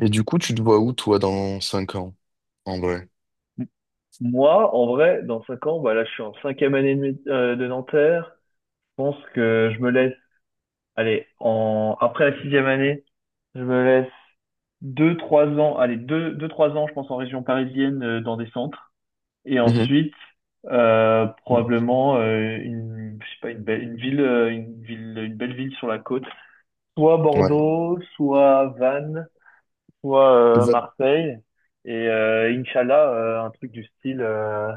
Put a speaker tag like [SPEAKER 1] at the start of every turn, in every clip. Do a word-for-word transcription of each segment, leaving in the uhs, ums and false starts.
[SPEAKER 1] Et du coup, tu te vois où, toi, dans cinq ans, en vrai?
[SPEAKER 2] M- Moi, en vrai, dans cinq ans, bah là, je suis en cinquième année de, mé- euh, de Nanterre. Je pense que je me laisse, allez, en, après la sixième année, je me laisse deux, trois ans, allez, deux, deux, trois ans, je pense, en région parisienne, euh, dans des centres. Et
[SPEAKER 1] Mhm.
[SPEAKER 2] ensuite, euh,
[SPEAKER 1] Ouais.
[SPEAKER 2] probablement, euh, une, je sais pas, une belle, une ville, euh, une ville, une belle ville sur la côte. Soit
[SPEAKER 1] Ouais.
[SPEAKER 2] Bordeaux, soit Vannes, soit, euh,
[SPEAKER 1] Van-
[SPEAKER 2] Marseille. Et, euh, Inch'Allah, euh, un truc du style, euh,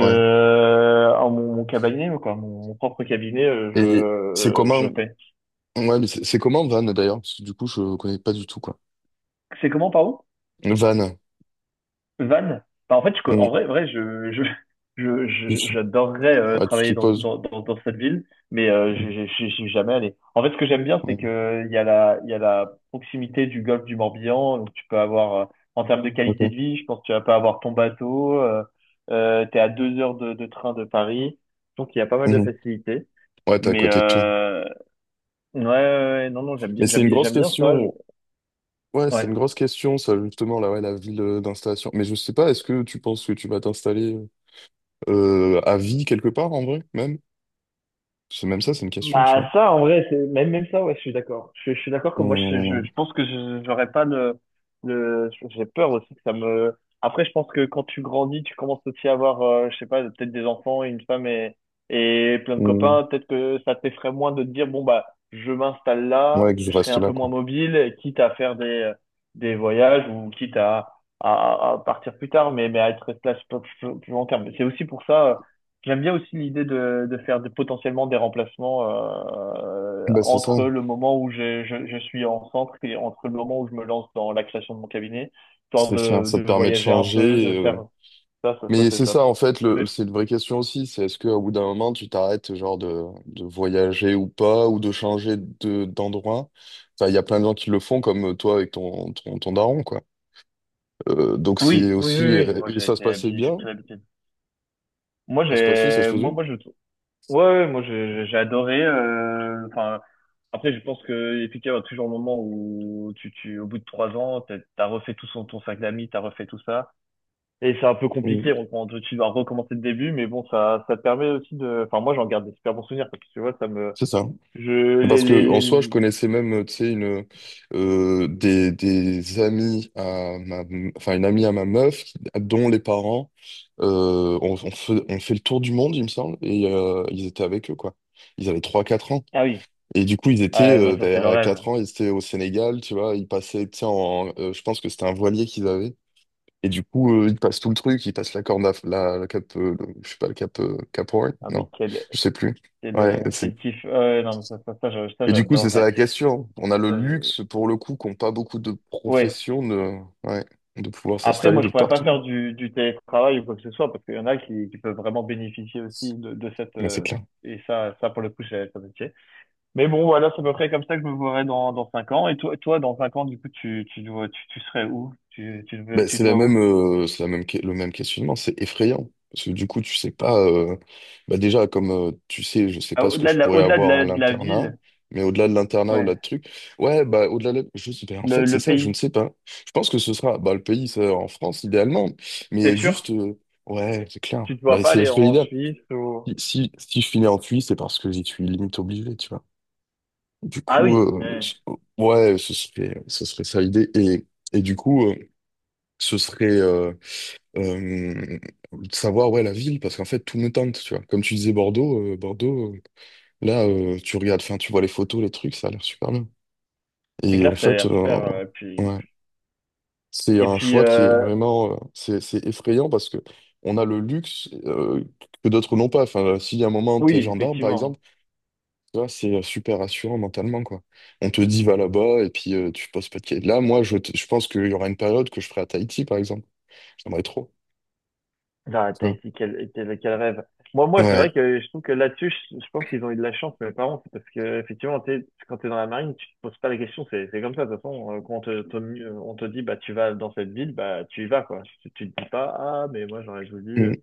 [SPEAKER 1] ouais.
[SPEAKER 2] en mon, mon cabinet, quoi, mon, mon propre cabinet, euh, je,
[SPEAKER 1] Et c'est
[SPEAKER 2] euh, je
[SPEAKER 1] comment...
[SPEAKER 2] fais.
[SPEAKER 1] Ouais, mais c'est c'est comment Van, d'ailleurs? Parce que du coup, je connais pas du tout, quoi.
[SPEAKER 2] C'est comment, pardon?
[SPEAKER 1] Van.
[SPEAKER 2] Van? Bah, en fait, je co-
[SPEAKER 1] Mm.
[SPEAKER 2] en vrai, vrai, je, je, je,
[SPEAKER 1] Tu,
[SPEAKER 2] je-
[SPEAKER 1] tu-
[SPEAKER 2] j'adorerais euh,
[SPEAKER 1] ah, tu te
[SPEAKER 2] travailler dans,
[SPEAKER 1] poses.
[SPEAKER 2] dans, dans, dans cette ville, mais euh, je
[SPEAKER 1] Mm.
[SPEAKER 2] j'ai- j'y suis jamais allé. En fait, ce que j'aime bien, c'est
[SPEAKER 1] Ouais,
[SPEAKER 2] que il y a la, il y a la proximité du golfe du Morbihan, donc tu peux avoir, euh, en termes de qualité
[SPEAKER 1] ok.
[SPEAKER 2] de vie, je pense que tu vas pas avoir ton bateau, euh, euh, t'es à deux heures de, de train de Paris, donc il y a pas mal de
[SPEAKER 1] Mhm.
[SPEAKER 2] facilités.
[SPEAKER 1] Ouais, t'es à
[SPEAKER 2] Mais,
[SPEAKER 1] côté de tout.
[SPEAKER 2] euh, ouais, ouais, ouais, non, non, j'aime bien,
[SPEAKER 1] Mais c'est
[SPEAKER 2] j'aime
[SPEAKER 1] une
[SPEAKER 2] bien,
[SPEAKER 1] grosse
[SPEAKER 2] j'aime bien ça. je-
[SPEAKER 1] question. Ouais, c'est
[SPEAKER 2] Ouais.
[SPEAKER 1] une grosse question, ça, justement, là, ouais, la ville euh, d'installation. Mais je sais pas, est-ce que tu penses que tu vas t'installer euh, à vie quelque part, en vrai, même? C'est même ça, c'est une question, tu
[SPEAKER 2] Bah,
[SPEAKER 1] vois.
[SPEAKER 2] ça, en vrai, c'est même, même ça, ouais, je suis d'accord. Je, je suis d'accord que moi, je, je,
[SPEAKER 1] Mm.
[SPEAKER 2] je pense que je- j'aurais pas le, le, j'ai peur aussi que ça me. Après, je pense que quand tu grandis, tu commences aussi à avoir, euh, je sais pas, peut-être des enfants, une femme et, et plein de
[SPEAKER 1] Mm.
[SPEAKER 2] copains. Peut-être que ça t'effraie moins de te dire, bon, bah, je m'installe là,
[SPEAKER 1] Ouais, que je
[SPEAKER 2] je serai
[SPEAKER 1] reste
[SPEAKER 2] un
[SPEAKER 1] là,
[SPEAKER 2] peu moins
[SPEAKER 1] quoi.
[SPEAKER 2] mobile, quitte à faire des, des voyages ou quitte à, à, à partir plus tard, mais, mais à être resté là plus, plus, plus longtemps. Mais c'est aussi pour ça. J'aime bien aussi l'idée de, de faire des- potentiellement des remplacements euh,
[SPEAKER 1] Bah c'est ça,
[SPEAKER 2] entre le moment où je, je, je suis en centre et entre le moment où je me lance dans la création de mon cabinet, histoire
[SPEAKER 1] c'est ça,
[SPEAKER 2] de,
[SPEAKER 1] ça
[SPEAKER 2] de
[SPEAKER 1] te permet de
[SPEAKER 2] voyager un peu,
[SPEAKER 1] changer.
[SPEAKER 2] de
[SPEAKER 1] et, euh,
[SPEAKER 2] faire ça, ça, ça
[SPEAKER 1] Mais
[SPEAKER 2] c'est
[SPEAKER 1] c'est
[SPEAKER 2] top.
[SPEAKER 1] ça en fait, le,
[SPEAKER 2] Mais
[SPEAKER 1] c'est une vraie question aussi, c'est est-ce qu'au bout d'un moment tu t'arrêtes genre de, de voyager ou pas, ou de changer de, d'endroit? Enfin, il y a plein de gens qui le font comme euh, toi avec ton, ton, ton daron, quoi. Euh, donc c'est
[SPEAKER 2] oui, oui, oui,
[SPEAKER 1] aussi...
[SPEAKER 2] oui,
[SPEAKER 1] euh,
[SPEAKER 2] moi
[SPEAKER 1] Et
[SPEAKER 2] j'ai
[SPEAKER 1] ça se
[SPEAKER 2] été
[SPEAKER 1] passait
[SPEAKER 2] habillé, j'ai
[SPEAKER 1] bien,
[SPEAKER 2] pris l'habitude. Moi
[SPEAKER 1] ça se passait, ça se
[SPEAKER 2] j'ai, moi,
[SPEAKER 1] faisait.
[SPEAKER 2] moi je, ouais, ouais, moi j'ai j'ai adoré. euh, Enfin, après je pense que efficace, il y va toujours le moment où tu, tu, au bout de trois ans, t'as t'as refait tout son, ton sac d'amis, t'as refait tout ça. Et c'est un peu
[SPEAKER 1] Mm.
[SPEAKER 2] compliqué, on, on- tu dois recommencer le début, mais bon, ça, ça te permet aussi de. Enfin, moi, j'en garde des super bons souvenirs, parce que tu vois, ça me.
[SPEAKER 1] C'est ça.
[SPEAKER 2] Je... Les,
[SPEAKER 1] Parce
[SPEAKER 2] les,
[SPEAKER 1] que en
[SPEAKER 2] les...
[SPEAKER 1] soi, je connaissais même, tu sais, une euh, des, des amis à ma, enfin une amie à ma meuf, qui- dont les parents euh, ont, ont fait, ont fait le tour du monde, il me semble, et euh, ils étaient avec eux, quoi. Ils avaient trois quatre ans.
[SPEAKER 2] Ah oui,
[SPEAKER 1] Et du coup, ils
[SPEAKER 2] ah,
[SPEAKER 1] étaient,
[SPEAKER 2] ouais, moi,
[SPEAKER 1] euh,
[SPEAKER 2] ça, c'est
[SPEAKER 1] ben,
[SPEAKER 2] le
[SPEAKER 1] à
[SPEAKER 2] rêve.
[SPEAKER 1] quatre ans, ils étaient au Sénégal, tu vois, ils passaient, tu sais, en, euh, je pense que c'était un voilier qu'ils avaient. Et du coup, euh, ils passent tout le truc, ils passent la corne, à- la, la cap, euh, le- je sais pas, le cap, euh, Cap Horn,
[SPEAKER 2] Ah, mais
[SPEAKER 1] non,
[SPEAKER 2] quel,
[SPEAKER 1] je sais plus.
[SPEAKER 2] quel,
[SPEAKER 1] Ouais,
[SPEAKER 2] euh,
[SPEAKER 1] c'est
[SPEAKER 2] quel kiff. Ouais, non, mais ça, ça, ça, je- ça,
[SPEAKER 1] et du coup, c'est ça
[SPEAKER 2] j'adorerais.
[SPEAKER 1] la question. On a le
[SPEAKER 2] Ça, je-
[SPEAKER 1] luxe, pour le coup, qu'ont pas beaucoup de
[SPEAKER 2] Ouais.
[SPEAKER 1] professions de, ouais, de pouvoir
[SPEAKER 2] Après,
[SPEAKER 1] s'installer
[SPEAKER 2] moi,
[SPEAKER 1] de
[SPEAKER 2] je pourrais pas
[SPEAKER 1] partout.
[SPEAKER 2] faire du, du télétravail ou quoi que ce soit, parce qu'il y en a qui, qui peuvent vraiment bénéficier aussi de, de cette.
[SPEAKER 1] Ouais, c'est
[SPEAKER 2] euh,
[SPEAKER 1] clair.
[SPEAKER 2] Et ça, ça, pour le coup, c'est c'est un métier. Mais bon, voilà, c'est à peu près comme ça que je me verrai dans, dans cinq ans. Et toi, toi, dans cinq ans, du coup, tu, tu, te tu, tu serais où? Tu, tu, te
[SPEAKER 1] Ben,
[SPEAKER 2] tu
[SPEAKER 1] c'est
[SPEAKER 2] te
[SPEAKER 1] la
[SPEAKER 2] vois
[SPEAKER 1] même,
[SPEAKER 2] où?
[SPEAKER 1] euh, c'est la même, que- le même questionnement. C'est effrayant. Parce que du coup, tu sais pas. euh, bah déjà, comme euh, tu sais, je sais
[SPEAKER 2] Ah,
[SPEAKER 1] pas ce que
[SPEAKER 2] au-delà
[SPEAKER 1] je
[SPEAKER 2] de la,
[SPEAKER 1] pourrais
[SPEAKER 2] au-delà de
[SPEAKER 1] avoir à
[SPEAKER 2] la, de la
[SPEAKER 1] l'internat.
[SPEAKER 2] ville,
[SPEAKER 1] Mais au-delà de l'internat,
[SPEAKER 2] ouais,
[SPEAKER 1] au-delà de trucs. Ouais, bah au-delà de. Je, sais- ben, en
[SPEAKER 2] le,
[SPEAKER 1] fait, c'est
[SPEAKER 2] le
[SPEAKER 1] ça, je ne
[SPEAKER 2] pays,
[SPEAKER 1] sais pas. Je pense que ce sera bah, le pays, ça, en France, idéalement. Mais
[SPEAKER 2] c'est sûr?
[SPEAKER 1] juste. euh, ouais, c'est clair.
[SPEAKER 2] Tu te vois
[SPEAKER 1] Bah,
[SPEAKER 2] pas
[SPEAKER 1] c'est
[SPEAKER 2] aller en
[SPEAKER 1] l'idéal.
[SPEAKER 2] Suisse ou.
[SPEAKER 1] Si, si, si je finis en cuit, c'est parce que j'y suis limite obligé, tu vois. Du
[SPEAKER 2] Ah
[SPEAKER 1] coup,
[SPEAKER 2] oui,
[SPEAKER 1] euh,
[SPEAKER 2] ouais.
[SPEAKER 1] je- ouais, ce serait, ce serait ça l'idée. Et, et du coup, euh, ce serait euh, euh, de savoir ouais, la ville, parce qu'en fait, tout me tente, tu vois. Comme tu disais Bordeaux, euh, Bordeaux, euh, là, euh, tu regardes, enfin, tu vois les photos, les trucs, ça a l'air super bien.
[SPEAKER 2] C'est
[SPEAKER 1] Et
[SPEAKER 2] clair
[SPEAKER 1] en
[SPEAKER 2] que ça a
[SPEAKER 1] fait,
[SPEAKER 2] l'air super.
[SPEAKER 1] euh,
[SPEAKER 2] euh, puis,
[SPEAKER 1] ouais,
[SPEAKER 2] puis-
[SPEAKER 1] c'est
[SPEAKER 2] Et
[SPEAKER 1] un
[SPEAKER 2] puis,
[SPEAKER 1] choix qui est
[SPEAKER 2] euh,
[SPEAKER 1] vraiment, euh, c'est, c'est effrayant parce que on a le luxe euh, que d'autres n'ont pas. Enfin, si à un moment, t'es
[SPEAKER 2] Oui,
[SPEAKER 1] gendarme, par exemple,
[SPEAKER 2] effectivement.
[SPEAKER 1] tu vois, c'est euh, super rassurant mentalement, quoi. On te dit va là-bas et puis euh, tu poses pas de questions. Là, moi, je, t- je pense qu'il y aura une période que je ferai à Tahiti, par exemple. J'aimerais trop.
[SPEAKER 2] Ah, t'as
[SPEAKER 1] Ça.
[SPEAKER 2] été quel, quel, quel rêve. Moi, moi, c'est
[SPEAKER 1] Ouais.
[SPEAKER 2] vrai que je trouve que là-dessus, je, je pense qu'ils ont eu de la chance, mes parents, c'est parce que, effectivement, tu quand t'es dans la marine, tu te poses pas la question, c'est, c'est comme ça, de toute façon, euh, quand on te, te- on te dit, bah, tu vas dans cette ville, bah, tu y vas, quoi. Tu, tu te dis pas, ah, mais moi, j'aurais voulu. euh.
[SPEAKER 1] Mm.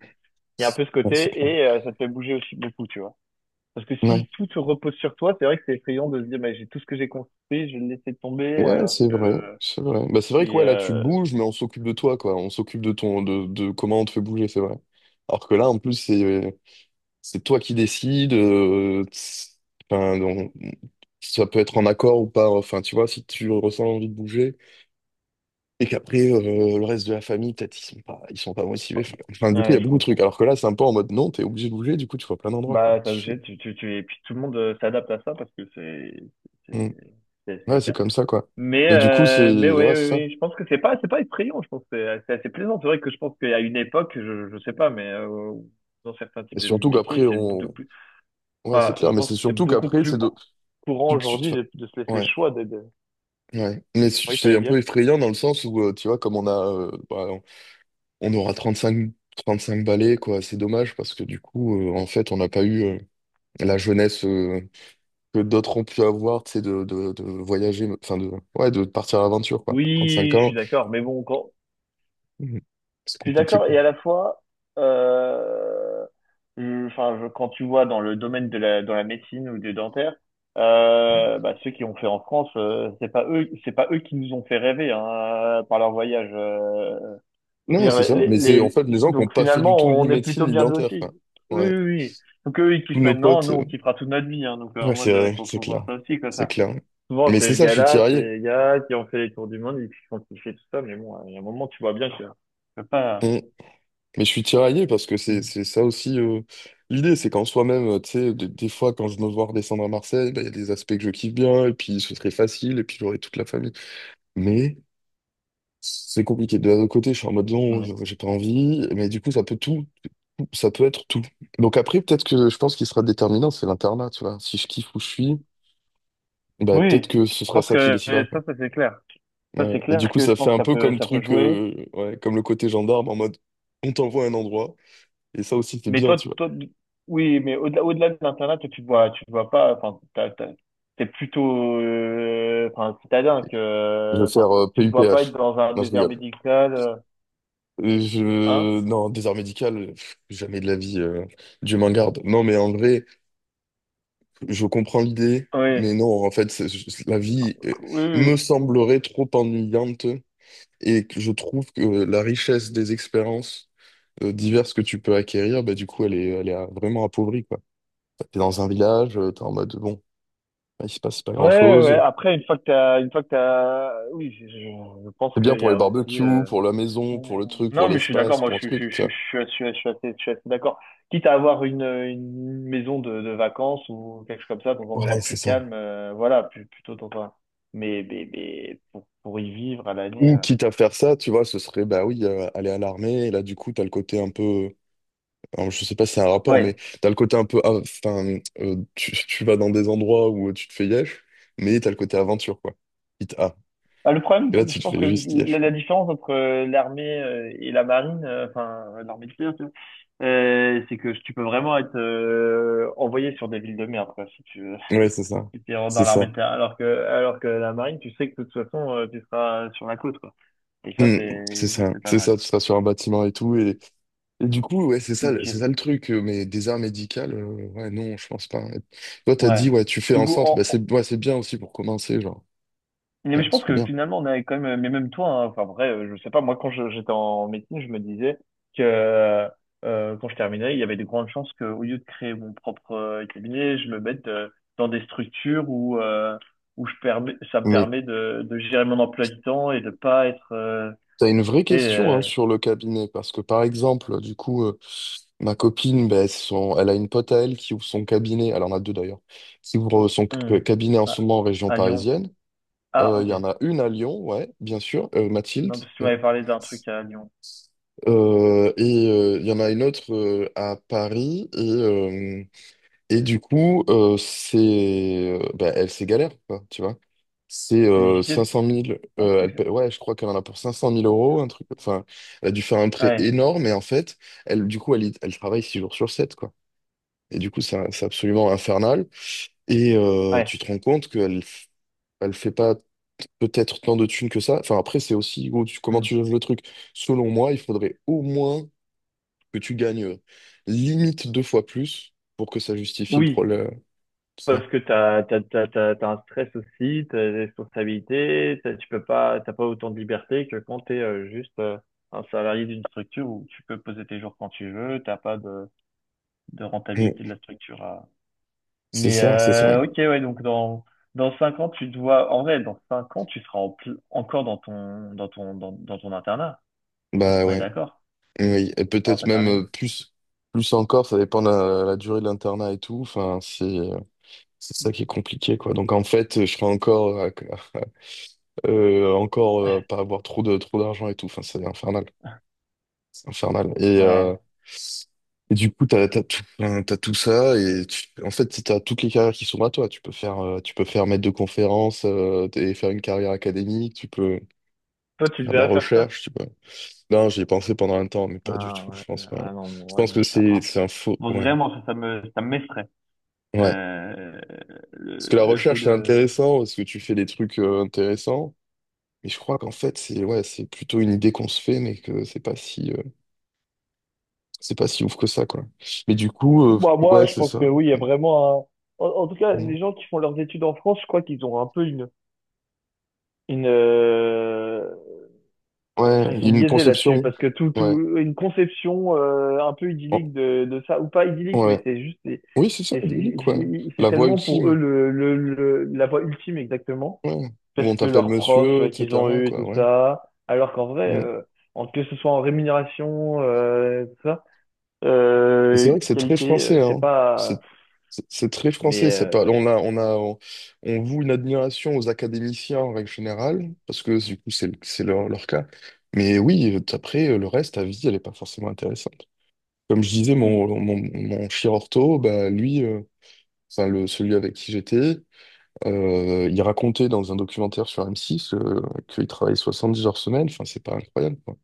[SPEAKER 2] Il y a un peu ce
[SPEAKER 1] Ouais, c'est
[SPEAKER 2] côté,
[SPEAKER 1] clair.
[SPEAKER 2] et euh, ça te fait bouger aussi beaucoup, tu vois. Parce que
[SPEAKER 1] Ouais.
[SPEAKER 2] si tout se repose sur toi, c'est vrai que c'est effrayant de se dire, bah, j'ai tout ce que j'ai construit, je vais le laisser tomber,
[SPEAKER 1] Ouais,
[SPEAKER 2] alors
[SPEAKER 1] c'est vrai.
[SPEAKER 2] que,
[SPEAKER 1] C'est vrai. Bah, c'est vrai que
[SPEAKER 2] et,
[SPEAKER 1] ouais, là, tu
[SPEAKER 2] euh,
[SPEAKER 1] bouges, mais on s'occupe de toi, quoi. On s'occupe de ton de, de comment on te fait bouger, c'est vrai. Alors que là, en plus, c'est c'est toi qui décides. euh, t's- enfin, on- ça peut être en accord ou pas. Enfin, tu vois, si tu ressens l'envie de bouger. Et qu'après, euh, le reste de la famille, peut-être, ils sont pas, ils sont pas motivés. Enfin, enfin, du coup, il y
[SPEAKER 2] ouais,
[SPEAKER 1] a
[SPEAKER 2] je
[SPEAKER 1] beaucoup de trucs.
[SPEAKER 2] comprends.
[SPEAKER 1] Alors que là, c'est un peu en mode non, t'es obligé de bouger, du coup, tu vois plein d'endroits, quoi.
[SPEAKER 2] Bah, t'es
[SPEAKER 1] Tu
[SPEAKER 2] obligé, tu, tu, tu, et puis tout le monde euh, s'adapte à ça parce que c'est,
[SPEAKER 1] fais,
[SPEAKER 2] c'est, c'est,
[SPEAKER 1] hmm.
[SPEAKER 2] c'est le
[SPEAKER 1] Ouais, c'est
[SPEAKER 2] cas.
[SPEAKER 1] comme ça, quoi.
[SPEAKER 2] Mais,
[SPEAKER 1] Mais du coup, c'est.
[SPEAKER 2] euh, mais oui,
[SPEAKER 1] Ouais,
[SPEAKER 2] oui,
[SPEAKER 1] c'est ça.
[SPEAKER 2] oui, je pense que c'est pas, c'est pas effrayant, je pense que c'est c'est assez plaisant. C'est vrai que je pense qu'à une époque, je, je sais pas, mais euh, dans certains types
[SPEAKER 1] Et
[SPEAKER 2] de
[SPEAKER 1] surtout
[SPEAKER 2] métiers,
[SPEAKER 1] qu'après,
[SPEAKER 2] c'est de
[SPEAKER 1] on.
[SPEAKER 2] plus,
[SPEAKER 1] Ouais, c'est
[SPEAKER 2] enfin,
[SPEAKER 1] clair,
[SPEAKER 2] je
[SPEAKER 1] mais
[SPEAKER 2] pense
[SPEAKER 1] c'est
[SPEAKER 2] que c'est
[SPEAKER 1] surtout
[SPEAKER 2] beaucoup
[SPEAKER 1] qu'après,
[SPEAKER 2] plus
[SPEAKER 1] c'est
[SPEAKER 2] cou-
[SPEAKER 1] de.
[SPEAKER 2] courant
[SPEAKER 1] tu- tu-
[SPEAKER 2] aujourd'hui
[SPEAKER 1] enfin,
[SPEAKER 2] de, de se laisser le
[SPEAKER 1] Ouais,
[SPEAKER 2] choix de, de...
[SPEAKER 1] ouais. Mais
[SPEAKER 2] Oui,
[SPEAKER 1] c'est
[SPEAKER 2] t'allais
[SPEAKER 1] un peu
[SPEAKER 2] dire?
[SPEAKER 1] effrayant dans le sens où, euh, tu vois, comme on a. Euh, bah, on aura trente cinq balais, quoi. C'est dommage parce que du coup, euh, en fait, on n'a pas eu euh, la jeunesse. euh, que d'autres ont pu avoir, tu sais, de, de, de voyager, enfin de, ouais, de partir à l'aventure, quoi. À trente-cinq
[SPEAKER 2] Oui, je suis
[SPEAKER 1] ans.
[SPEAKER 2] d'accord, mais bon, quand.
[SPEAKER 1] Mhm. C'est
[SPEAKER 2] Je suis
[SPEAKER 1] compliqué,
[SPEAKER 2] d'accord
[SPEAKER 1] quoi.
[SPEAKER 2] et à la fois, euh, je- enfin, je- quand tu vois dans le domaine de la, dans la médecine ou du dentaire, euh, bah, ceux qui ont fait en France, euh, c'est pas eux, c'est pas eux qui nous ont fait rêver hein, par leur voyage. euh. Je veux
[SPEAKER 1] Non,
[SPEAKER 2] dire,
[SPEAKER 1] c'est ça.
[SPEAKER 2] les,
[SPEAKER 1] Mais c'est en
[SPEAKER 2] les-
[SPEAKER 1] fait les gens qui n'ont
[SPEAKER 2] donc
[SPEAKER 1] pas fait du tout
[SPEAKER 2] finalement,
[SPEAKER 1] ni
[SPEAKER 2] on est
[SPEAKER 1] médecine
[SPEAKER 2] plutôt
[SPEAKER 1] ni
[SPEAKER 2] bien
[SPEAKER 1] dentaire,
[SPEAKER 2] lotis.
[SPEAKER 1] quoi.
[SPEAKER 2] Oui,
[SPEAKER 1] Ouais.
[SPEAKER 2] oui, oui. Donc eux, ils
[SPEAKER 1] Tous
[SPEAKER 2] kiffent
[SPEAKER 1] nos
[SPEAKER 2] maintenant,
[SPEAKER 1] potes.
[SPEAKER 2] nous, on
[SPEAKER 1] euh,
[SPEAKER 2] kiffera toute notre vie. Hein, donc euh,
[SPEAKER 1] Ouais,
[SPEAKER 2] en
[SPEAKER 1] c'est
[SPEAKER 2] mode, euh,
[SPEAKER 1] vrai,
[SPEAKER 2] faut,
[SPEAKER 1] c'est
[SPEAKER 2] faut voir
[SPEAKER 1] clair.
[SPEAKER 2] ça aussi comme
[SPEAKER 1] C'est
[SPEAKER 2] ça.
[SPEAKER 1] clair.
[SPEAKER 2] Souvent,
[SPEAKER 1] Mais c'est
[SPEAKER 2] ces
[SPEAKER 1] ça, je suis
[SPEAKER 2] gars-là,
[SPEAKER 1] tiraillé.
[SPEAKER 2] ces gars qui ont fait les tours du monde, ils ont kiffé tout ça, mais bon, il y a un moment, tu vois bien que tu peux pas.
[SPEAKER 1] Mhm. Mais je suis tiraillé parce que c'est c'est ça aussi euh, l'idée, c'est qu'en soi-même, euh, tu sais, de- des fois quand je me vois redescendre à Marseille, bah, il y a des aspects que je kiffe bien, et puis ce serait facile, et puis j'aurais toute la famille. Mais c'est compliqué. De l'autre côté, je suis en mode non,
[SPEAKER 2] Ouais.
[SPEAKER 1] je- j'ai pas envie, mais du coup, ça peut tout, tout- ça peut être tout. Donc après, peut-être que je pense qu'il sera déterminant, c'est l'internat, tu vois. Si je kiffe où je suis, bah peut-être
[SPEAKER 2] Oui,
[SPEAKER 1] que
[SPEAKER 2] je
[SPEAKER 1] ce sera
[SPEAKER 2] pense
[SPEAKER 1] ça qui
[SPEAKER 2] que euh,
[SPEAKER 1] décidera,
[SPEAKER 2] ça,
[SPEAKER 1] quoi.
[SPEAKER 2] ça c'est clair. Ça
[SPEAKER 1] Ouais.
[SPEAKER 2] c'est
[SPEAKER 1] Et
[SPEAKER 2] clair
[SPEAKER 1] du coup,
[SPEAKER 2] que je
[SPEAKER 1] ça
[SPEAKER 2] pense
[SPEAKER 1] fait
[SPEAKER 2] que
[SPEAKER 1] un
[SPEAKER 2] ça
[SPEAKER 1] peu
[SPEAKER 2] peut,
[SPEAKER 1] comme le
[SPEAKER 2] ça peut
[SPEAKER 1] truc,
[SPEAKER 2] jouer.
[SPEAKER 1] euh, ouais, comme le côté gendarme, en mode on t'envoie à un endroit, et ça aussi, c'est
[SPEAKER 2] Mais
[SPEAKER 1] bien, tu
[SPEAKER 2] toi,
[SPEAKER 1] vois.
[SPEAKER 2] toi, oui, mais au-delà, au-delà de l'internat, toi, tu te vois, tu te vois pas. Enfin, t'as- t'as- t'es plutôt, euh, enfin, citadin que,
[SPEAKER 1] Je vais
[SPEAKER 2] euh, enfin,
[SPEAKER 1] faire euh,
[SPEAKER 2] tu te vois pas être
[SPEAKER 1] P U P H.
[SPEAKER 2] dans un
[SPEAKER 1] Non, je
[SPEAKER 2] désert
[SPEAKER 1] rigole.
[SPEAKER 2] médical, euh,
[SPEAKER 1] Euh,
[SPEAKER 2] hein?
[SPEAKER 1] Je... Non, désert médical, pff, jamais de la vie, euh, Dieu m'en garde. Non, mais en vrai. Je comprends l'idée,
[SPEAKER 2] Oui,
[SPEAKER 1] mais non, en fait, c'est- c'est- la vie euh,
[SPEAKER 2] oui,
[SPEAKER 1] me
[SPEAKER 2] oui.
[SPEAKER 1] semblerait trop ennuyante et que je trouve que la richesse des expériences euh, diverses que tu peux acquérir, bah, du coup, elle est, elle est euh, vraiment appauvrie, quoi. T'es dans un village, euh, t'es en mode, bon, il se passe pas
[SPEAKER 2] Ouais, ouais, ouais.
[SPEAKER 1] grand-chose.
[SPEAKER 2] Après, une fois que t'as, une fois que t'as, oui, je, je je pense
[SPEAKER 1] C'est bien
[SPEAKER 2] qu'il y
[SPEAKER 1] pour les
[SPEAKER 2] a aussi.
[SPEAKER 1] barbecues,
[SPEAKER 2] euh,
[SPEAKER 1] pour la maison,
[SPEAKER 2] Hum,
[SPEAKER 1] pour le truc, pour
[SPEAKER 2] Non, mais je suis d'accord,
[SPEAKER 1] l'espace,
[SPEAKER 2] moi
[SPEAKER 1] pour
[SPEAKER 2] je,
[SPEAKER 1] un
[SPEAKER 2] suis- je, suis-
[SPEAKER 1] truc, tu
[SPEAKER 2] je, suis-
[SPEAKER 1] vois.
[SPEAKER 2] je, suis je suis assez, je suis assez d'accord. Quitte à avoir une, une maison de, de vacances ou quelque chose comme ça, dans un
[SPEAKER 1] Ouais,
[SPEAKER 2] endroit
[SPEAKER 1] c'est
[SPEAKER 2] plus
[SPEAKER 1] ça.
[SPEAKER 2] calme, euh, voilà, plus, plutôt dans un. Mais, mais, mais pour, pour y vivre à l'année.
[SPEAKER 1] Ou
[SPEAKER 2] euh,
[SPEAKER 1] quitte à faire ça, tu vois, ce serait, bah oui, euh, aller à l'armée, et là, du coup, t'as le côté un peu... Alors, je sais pas si c'est un rapport, mais
[SPEAKER 2] Ouais.
[SPEAKER 1] t'as le côté un peu. Ah, enfin, euh, tu, tu vas dans des endroits où euh, tu te fais yesh, mais t'as le côté aventure, quoi. Quitte a.
[SPEAKER 2] Ah, le problème,
[SPEAKER 1] Et là, tu
[SPEAKER 2] je
[SPEAKER 1] te
[SPEAKER 2] pense que
[SPEAKER 1] fais juste
[SPEAKER 2] la,
[SPEAKER 1] yesh.
[SPEAKER 2] la différence entre euh, l'armée euh, et la marine, euh, enfin euh, l'armée de terre, tu vois, euh, c'est que tu peux vraiment être euh, envoyé sur des villes de merde, quoi, si tu veux.
[SPEAKER 1] Ouais, c'est ça.
[SPEAKER 2] Et tu rentres
[SPEAKER 1] C'est
[SPEAKER 2] dans
[SPEAKER 1] ça.
[SPEAKER 2] l'armée de terrain, alors que, alors que la marine, tu sais que de toute façon, euh, tu seras sur la côte, quoi. Et ça,
[SPEAKER 1] Hmm, c'est
[SPEAKER 2] c'est, ça,
[SPEAKER 1] ça.
[SPEAKER 2] c'est pas
[SPEAKER 1] C'est
[SPEAKER 2] mal.
[SPEAKER 1] ça, tu seras sur un bâtiment et tout. Et, et du coup, ouais, c'est ça, le- c'est
[SPEAKER 2] Ok.
[SPEAKER 1] ça le truc. euh, Mais des arts médicales, euh, ouais, non, je pense pas. Et toi, t'as
[SPEAKER 2] Ouais.
[SPEAKER 1] dit, ouais, tu fais
[SPEAKER 2] Du
[SPEAKER 1] un
[SPEAKER 2] coup,
[SPEAKER 1] centre. Bah,
[SPEAKER 2] en- en-
[SPEAKER 1] c'est ouais, c'est bien aussi pour commencer, genre.
[SPEAKER 2] mais
[SPEAKER 1] Bien,
[SPEAKER 2] je
[SPEAKER 1] c'est
[SPEAKER 2] pense
[SPEAKER 1] trop
[SPEAKER 2] que
[SPEAKER 1] bien.
[SPEAKER 2] finalement, on a quand même, mais même toi, hein, enfin, vrai, euh, je sais pas, moi, quand je- j'étais en médecine, je me disais que, euh, quand je terminais, il y avait de grandes chances que, au lieu de créer mon propre euh, cabinet, je me mette euh, dans des structures où, euh, où je permets, ça me
[SPEAKER 1] Mais
[SPEAKER 2] permet de, de gérer mon emploi du temps et de pas être, euh,
[SPEAKER 1] t'as une vraie
[SPEAKER 2] tu
[SPEAKER 1] question hein,
[SPEAKER 2] euh,
[SPEAKER 1] sur le cabinet, parce que par exemple, du coup. euh, Ma copine, ben, son- elle a une pote à elle qui ouvre son cabinet, elle en a deux d'ailleurs, qui ouvre euh, son
[SPEAKER 2] hmm,
[SPEAKER 1] c- cabinet en ce
[SPEAKER 2] à,
[SPEAKER 1] moment en région
[SPEAKER 2] à Lyon.
[SPEAKER 1] parisienne.
[SPEAKER 2] Ah,
[SPEAKER 1] Euh, Il y
[SPEAKER 2] ok.
[SPEAKER 1] en a une à Lyon, ouais, bien sûr, euh, Mathilde.
[SPEAKER 2] Non, parce que tu
[SPEAKER 1] Euh,
[SPEAKER 2] m'avais parlé d'un truc à Lyon.
[SPEAKER 1] euh, et euh, il y en a une autre euh, à Paris. Et, euh, et du coup, euh, c'est, euh, ben, elle, c'est galère, quoi, tu vois. C'est
[SPEAKER 2] C'est
[SPEAKER 1] euh, cinq
[SPEAKER 2] difficile?
[SPEAKER 1] cent
[SPEAKER 2] Je
[SPEAKER 1] mille.
[SPEAKER 2] pense
[SPEAKER 1] Euh,
[SPEAKER 2] que
[SPEAKER 1] elle
[SPEAKER 2] c'est-
[SPEAKER 1] paie- ouais, je crois qu'elle en a pour cinq cent mille euros, un truc. Enfin, elle a dû faire un prêt
[SPEAKER 2] Ouais,
[SPEAKER 1] énorme et en fait, elle, du coup, elle, y- elle travaille six jours sur sept, Et du coup, c'est c'est absolument infernal. Et euh,
[SPEAKER 2] ouais.
[SPEAKER 1] tu te rends compte qu'elle f- elle fait pas peut-être tant de thunes que ça. Enfin, après, c'est aussi où tu- comment
[SPEAKER 2] Hmm.
[SPEAKER 1] tu juges le truc. Selon moi, il faudrait au moins que tu gagnes euh, limite deux fois plus pour que ça justifie le
[SPEAKER 2] Oui,
[SPEAKER 1] problème. Ça.
[SPEAKER 2] parce que t'as, t'as, t'as, t'as, t'as un stress aussi, t'as des responsabilités, t'as, tu peux pas, t'as pas autant de liberté que quand t'es euh, juste euh, un salarié d'une structure où tu peux poser tes jours quand tu veux, t'as pas de, de
[SPEAKER 1] Mm.
[SPEAKER 2] rentabilité de la structure à.
[SPEAKER 1] C'est
[SPEAKER 2] Mais
[SPEAKER 1] ça, c'est ça.
[SPEAKER 2] euh, ok, ouais, donc dans dans cinq ans, tu dois, en vrai, dans cinq ans, tu seras en pl- encore dans ton dans ton dans, dans ton internat.
[SPEAKER 1] Bah
[SPEAKER 2] On est
[SPEAKER 1] ouais.
[SPEAKER 2] d'accord?
[SPEAKER 1] Oui. Et
[SPEAKER 2] On
[SPEAKER 1] peut-être
[SPEAKER 2] pas
[SPEAKER 1] même
[SPEAKER 2] terminé.
[SPEAKER 1] euh, plus, plus encore, ça dépend de la, la durée de l'internat et tout. Enfin, c'est euh, c'est ça qui est compliqué, quoi. Donc en fait, je serais encore à, Euh, encore euh, pas avoir trop de trop d'argent et tout. Enfin, c'est infernal. C'est infernal. Et,
[SPEAKER 2] Ouais.
[SPEAKER 1] euh, et du coup, t'as, t'as tout, enfin, t'as tout ça et tu- en fait, si t'as toutes les carrières qui sont à toi. Tu peux faire, euh, tu peux faire maître de conférence euh, et faire une carrière académique. Tu peux
[SPEAKER 2] Toi, tu
[SPEAKER 1] faire de la
[SPEAKER 2] devrais faire ça?
[SPEAKER 1] recherche. Tu peux. Non, j'y ai pensé pendant un temps, mais pas du
[SPEAKER 2] Ah,
[SPEAKER 1] tout.
[SPEAKER 2] ouais.
[SPEAKER 1] Je pense pas.
[SPEAKER 2] Ah non,
[SPEAKER 1] Je
[SPEAKER 2] moi,
[SPEAKER 1] pense
[SPEAKER 2] je,
[SPEAKER 1] que
[SPEAKER 2] je- ah,
[SPEAKER 1] c'est,
[SPEAKER 2] je-
[SPEAKER 1] c'est un faux. Ouais,
[SPEAKER 2] vraiment, ça, ça me, ça m'effraie.
[SPEAKER 1] ouais.
[SPEAKER 2] Euh,
[SPEAKER 1] Parce que
[SPEAKER 2] le,
[SPEAKER 1] la
[SPEAKER 2] le fait
[SPEAKER 1] recherche, c'est
[SPEAKER 2] de.
[SPEAKER 1] intéressant parce que tu fais des trucs euh, intéressants. Mais je crois qu'en fait, c'est ouais, c'est plutôt une idée qu'on se fait, mais que c'est pas si. euh, c'est pas si ouf que ça, quoi. Mais du coup, euh,
[SPEAKER 2] Moi moi,
[SPEAKER 1] ouais,
[SPEAKER 2] je
[SPEAKER 1] c'est
[SPEAKER 2] pense
[SPEAKER 1] ça.
[SPEAKER 2] que oui, il y a vraiment un. En, en tout cas,
[SPEAKER 1] Mm.
[SPEAKER 2] les gens qui font leurs études en France, je crois qu'ils ont un peu une. une euh,
[SPEAKER 1] Ouais,
[SPEAKER 2] Enfin, ils
[SPEAKER 1] il y
[SPEAKER 2] sont
[SPEAKER 1] a une
[SPEAKER 2] biaisés là-dessus,
[SPEAKER 1] conception.
[SPEAKER 2] parce que tout,
[SPEAKER 1] Ouais.
[SPEAKER 2] tout, une conception euh, un peu
[SPEAKER 1] Oh,
[SPEAKER 2] idyllique de, de ça, ou pas idyllique, mais
[SPEAKER 1] ouais.
[SPEAKER 2] c'est juste. C'est
[SPEAKER 1] Oui, c'est ça,
[SPEAKER 2] c'est-
[SPEAKER 1] dis-le, quoi.
[SPEAKER 2] c'est- c'est
[SPEAKER 1] La voix
[SPEAKER 2] tellement pour eux
[SPEAKER 1] ultime.
[SPEAKER 2] le, le, le- la voie ultime, exactement.
[SPEAKER 1] Ouais. Où
[SPEAKER 2] Parce
[SPEAKER 1] on
[SPEAKER 2] que
[SPEAKER 1] t'appelle
[SPEAKER 2] leurs profs
[SPEAKER 1] monsieur,
[SPEAKER 2] euh, qu'ils ont
[SPEAKER 1] et cetera,
[SPEAKER 2] eu et tout
[SPEAKER 1] quoi, ouais.
[SPEAKER 2] ça. Alors qu'en vrai,
[SPEAKER 1] Mm.
[SPEAKER 2] euh, en- que ce soit en rémunération, euh, tout ça,
[SPEAKER 1] Et c'est
[SPEAKER 2] euh,
[SPEAKER 1] vrai que c'est très
[SPEAKER 2] qualité, euh,
[SPEAKER 1] français,
[SPEAKER 2] c'est
[SPEAKER 1] hein.
[SPEAKER 2] pas.
[SPEAKER 1] C'est c'est- c'est très
[SPEAKER 2] Mais
[SPEAKER 1] français. C'est pas,
[SPEAKER 2] euh,
[SPEAKER 1] on a, on a, on, on voue une admiration aux académiciens en règle générale, parce que du coup, c'est le- c'est leur, leur cas. Mais oui, après, euh, le reste, ta vie, elle est pas forcément intéressante. Comme je disais,
[SPEAKER 2] Mm.
[SPEAKER 1] mon, mon, mon chirurto, bah, lui. Euh, enfin le, celui avec qui j'étais, euh, il racontait dans un documentaire sur M six euh, qu'il travaille soixante-dix heures semaine, enfin c'est pas incroyable quoi.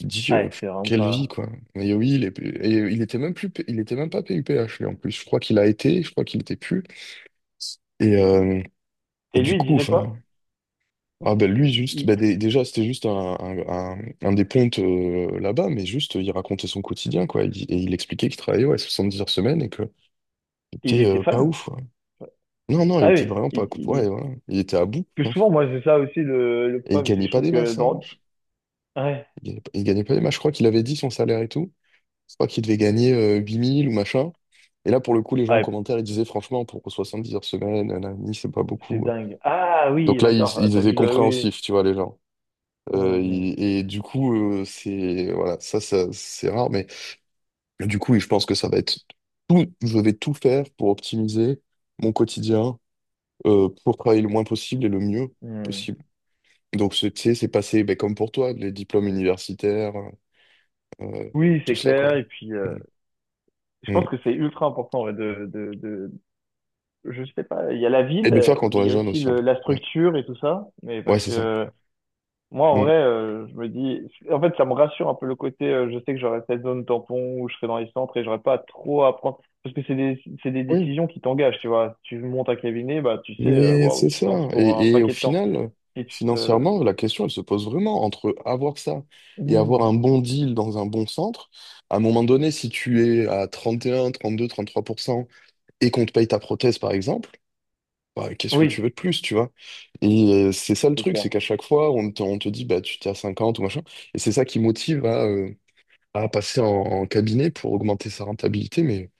[SPEAKER 1] Il dit euh,
[SPEAKER 2] Ouais, c'est vraiment
[SPEAKER 1] quelle vie
[SPEAKER 2] pas.
[SPEAKER 1] quoi. Mais oui, il est- et il était même plus, P- il était même pas P U P H lui en plus. Je crois qu'il a été, je crois qu'il était plus. Et, euh, et
[SPEAKER 2] Et
[SPEAKER 1] du
[SPEAKER 2] lui, il
[SPEAKER 1] coup,
[SPEAKER 2] disait
[SPEAKER 1] enfin,
[SPEAKER 2] quoi?
[SPEAKER 1] ah ben lui juste,
[SPEAKER 2] Il,
[SPEAKER 1] ben dé- déjà c'était juste un, un, un- un des pontes euh, là-bas, mais juste il racontait son quotidien quoi. Il- Et il expliquait qu'il travaillait ouais, soixante-dix heures semaine et que
[SPEAKER 2] il
[SPEAKER 1] c'était
[SPEAKER 2] était
[SPEAKER 1] euh, pas
[SPEAKER 2] fan?
[SPEAKER 1] ouf. Non, non, il
[SPEAKER 2] Ah
[SPEAKER 1] était
[SPEAKER 2] oui.
[SPEAKER 1] vraiment pas.
[SPEAKER 2] il,
[SPEAKER 1] Ouais,
[SPEAKER 2] il...
[SPEAKER 1] voilà. Il était à bout,
[SPEAKER 2] Parce
[SPEAKER 1] hein.
[SPEAKER 2] que souvent, moi, c'est ça aussi le, le
[SPEAKER 1] Et il
[SPEAKER 2] problème, c'est que
[SPEAKER 1] gagnait
[SPEAKER 2] je
[SPEAKER 1] pas
[SPEAKER 2] trouve
[SPEAKER 1] des
[SPEAKER 2] que
[SPEAKER 1] masses, hein.
[SPEAKER 2] dans. Ouais,
[SPEAKER 1] Il gagnait pas, il gagnait pas des masses. Je crois qu'il avait dit son salaire et tout. Je crois qu'il devait gagner euh, huit mille ou machin. Et là, pour le coup, les gens en
[SPEAKER 2] ouais,
[SPEAKER 1] commentaire, ils disaient franchement, pour soixante-dix heures semaine, un ami, c'est pas
[SPEAKER 2] c'est
[SPEAKER 1] beaucoup. euh.
[SPEAKER 2] dingue. Ah oui,
[SPEAKER 1] Donc là, ils,
[SPEAKER 2] d'accord, ah,
[SPEAKER 1] ils
[SPEAKER 2] t'as
[SPEAKER 1] étaient
[SPEAKER 2] vu le. Oui,
[SPEAKER 1] compréhensifs, tu vois, les gens.
[SPEAKER 2] oui,
[SPEAKER 1] Euh,
[SPEAKER 2] mm,
[SPEAKER 1] ils- et du coup, euh, c'est. Voilà, ça, ça c'est rare. Mais du coup, oui, je pense que ça va être tout. Je vais tout faire pour optimiser mon quotidien, euh, pour travailler le moins possible et le mieux
[SPEAKER 2] mm.
[SPEAKER 1] possible. Donc, c'est- tu sais, c'est passé ben, comme pour toi, les diplômes universitaires, euh,
[SPEAKER 2] Oui,
[SPEAKER 1] tout
[SPEAKER 2] c'est
[SPEAKER 1] ça, quoi.
[SPEAKER 2] clair. Et puis, euh,
[SPEAKER 1] Mm.
[SPEAKER 2] je
[SPEAKER 1] Mm.
[SPEAKER 2] pense que c'est ultra important ouais, de, de, de, je sais pas, il y a la
[SPEAKER 1] Et
[SPEAKER 2] ville,
[SPEAKER 1] de le
[SPEAKER 2] euh,
[SPEAKER 1] faire quand
[SPEAKER 2] mais
[SPEAKER 1] on
[SPEAKER 2] il
[SPEAKER 1] est
[SPEAKER 2] y a
[SPEAKER 1] jeune
[SPEAKER 2] aussi
[SPEAKER 1] aussi, un
[SPEAKER 2] le-
[SPEAKER 1] peu.
[SPEAKER 2] la
[SPEAKER 1] Ouais,
[SPEAKER 2] structure et tout ça. Mais
[SPEAKER 1] ouais,
[SPEAKER 2] parce
[SPEAKER 1] c'est
[SPEAKER 2] que
[SPEAKER 1] ça.
[SPEAKER 2] euh, moi, en
[SPEAKER 1] Mm.
[SPEAKER 2] vrai, euh, je me dis, en fait, ça me rassure un peu le côté, euh, je sais que j'aurai cette zone tampon où je serai dans les centres et j'aurai pas trop à prendre. Parce que c'est des, c'est des
[SPEAKER 1] Oui,
[SPEAKER 2] décisions qui t'engagent, tu vois. Si tu montes un cabinet, bah, tu sais, euh,
[SPEAKER 1] mais
[SPEAKER 2] waouh,
[SPEAKER 1] c'est
[SPEAKER 2] tu te lances
[SPEAKER 1] ça.
[SPEAKER 2] pour un
[SPEAKER 1] Et, et au
[SPEAKER 2] paquet de temps.
[SPEAKER 1] final,
[SPEAKER 2] Et tu te.
[SPEAKER 1] financièrement, la question, elle se pose vraiment entre avoir ça et avoir
[SPEAKER 2] Mmh.
[SPEAKER 1] un bon deal dans un bon centre. À un moment donné, si tu es à trente et un, trente-deux, trente-trois pour cent et qu'on te paye ta prothèse, par exemple, bah, qu'est-ce que
[SPEAKER 2] Oui,
[SPEAKER 1] tu veux de plus, tu vois? Et euh, c'est ça le
[SPEAKER 2] c'est
[SPEAKER 1] truc, c'est
[SPEAKER 2] clair.
[SPEAKER 1] qu'à chaque fois, on te, on te dit, bah, tu t'es à cinquante ou machin. Et c'est ça qui motive à, euh, à passer en, en cabinet pour augmenter sa rentabilité. Mais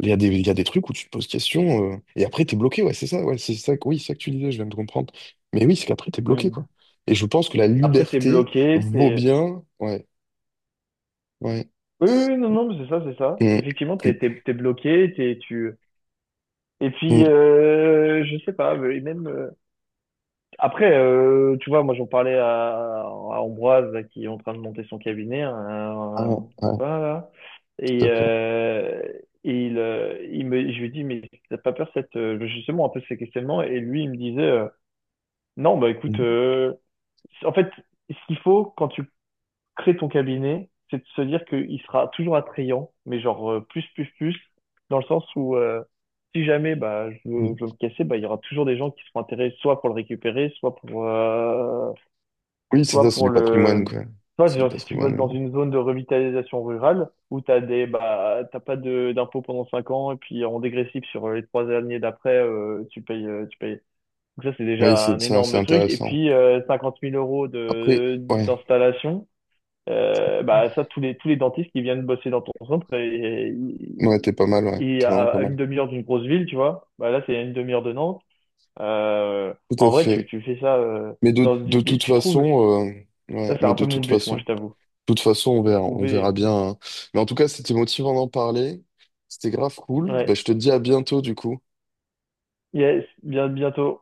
[SPEAKER 1] il y a des, il y a des trucs où tu te poses question, euh, et après, t'es bloqué, ouais, c'est ça, ouais, c'est ça, que- oui, c'est ça que tu disais, je viens de comprendre. Mais oui, c'est qu'après, t'es bloqué,
[SPEAKER 2] Mmh.
[SPEAKER 1] quoi. Et je pense que la
[SPEAKER 2] Après, t'es
[SPEAKER 1] liberté
[SPEAKER 2] bloqué,
[SPEAKER 1] vaut
[SPEAKER 2] t'es.
[SPEAKER 1] bien, ouais, ouais.
[SPEAKER 2] Oui, oui, oui, non, non, mais c'est ça, c'est ça.
[SPEAKER 1] Mm,
[SPEAKER 2] Effectivement, t'es,
[SPEAKER 1] mm,
[SPEAKER 2] t'es, t'es bloqué, t'es, tu... Et puis,
[SPEAKER 1] mm.
[SPEAKER 2] euh, je sais pas, mais même. euh, Après, euh, tu vois, moi j'en parlais à, à Ambroise là, qui est en train de monter son cabinet, un,
[SPEAKER 1] Ah,
[SPEAKER 2] un
[SPEAKER 1] ouais,
[SPEAKER 2] copain là,
[SPEAKER 1] tout
[SPEAKER 2] et,
[SPEAKER 1] à fait.
[SPEAKER 2] euh, et il, euh, il me, je lui dis mais t'as pas peur cette euh, justement un peu ces questionnements et lui il me disait euh, non bah écoute
[SPEAKER 1] Mm,
[SPEAKER 2] euh, en fait ce qu'il faut quand tu créer ton cabinet, c'est de se dire qu'il sera toujours attrayant, mais genre euh, plus, plus, plus, dans le sens où euh, si jamais bah, je, veux,
[SPEAKER 1] mm.
[SPEAKER 2] je veux me casser, bah, il y aura toujours des gens qui seront intéressés soit pour le récupérer, soit pour, euh,
[SPEAKER 1] Oui, c'est ça,
[SPEAKER 2] soit
[SPEAKER 1] c'est
[SPEAKER 2] pour
[SPEAKER 1] du patrimoine,
[SPEAKER 2] le.
[SPEAKER 1] quoi.
[SPEAKER 2] Soit
[SPEAKER 1] C'est du
[SPEAKER 2] genre, si tu
[SPEAKER 1] patrimoine,
[SPEAKER 2] bosses
[SPEAKER 1] mais
[SPEAKER 2] dans
[SPEAKER 1] bon.
[SPEAKER 2] une zone de revitalisation rurale où tu des bah, t'as pas de d'impôts pendant cinq ans et puis en dégressif sur euh, les trois années d'après, euh, tu payes, euh, tu payes. Donc ça, c'est
[SPEAKER 1] Oui,
[SPEAKER 2] déjà
[SPEAKER 1] c'est
[SPEAKER 2] un
[SPEAKER 1] ça, c'est
[SPEAKER 2] énorme truc. Et
[SPEAKER 1] intéressant.
[SPEAKER 2] puis, euh, cinquante mille euros
[SPEAKER 1] Après,
[SPEAKER 2] de
[SPEAKER 1] ouais,
[SPEAKER 2] d'installation euh, bah ça, tous les tous les dentistes qui viennent bosser dans ton centre et,
[SPEAKER 1] ouais, t'es pas mal, ouais,
[SPEAKER 2] et
[SPEAKER 1] t'es
[SPEAKER 2] et
[SPEAKER 1] vraiment
[SPEAKER 2] à,
[SPEAKER 1] pas
[SPEAKER 2] à
[SPEAKER 1] mal.
[SPEAKER 2] une demi-heure d'une grosse ville, tu vois, bah là c'est à une demi-heure de Nantes. Euh,
[SPEAKER 1] Tout
[SPEAKER 2] en
[SPEAKER 1] à
[SPEAKER 2] vrai, tu
[SPEAKER 1] fait.
[SPEAKER 2] tu fais ça euh,
[SPEAKER 1] Mais de,
[SPEAKER 2] dans
[SPEAKER 1] de
[SPEAKER 2] du- des-
[SPEAKER 1] toute
[SPEAKER 2] tu trouves.
[SPEAKER 1] façon, euh, ouais,
[SPEAKER 2] Ça c'est
[SPEAKER 1] mais
[SPEAKER 2] un
[SPEAKER 1] de
[SPEAKER 2] peu mon
[SPEAKER 1] toute
[SPEAKER 2] but,
[SPEAKER 1] façon,
[SPEAKER 2] moi
[SPEAKER 1] de
[SPEAKER 2] je t'avoue.
[SPEAKER 1] toute façon, on verra, on verra
[SPEAKER 2] Trouver.
[SPEAKER 1] bien, hein. Mais en tout cas, c'était motivant d'en parler. C'était grave cool.
[SPEAKER 2] Ouais.
[SPEAKER 1] Bah, je te dis à bientôt, du coup.
[SPEAKER 2] Yes, bien bientôt.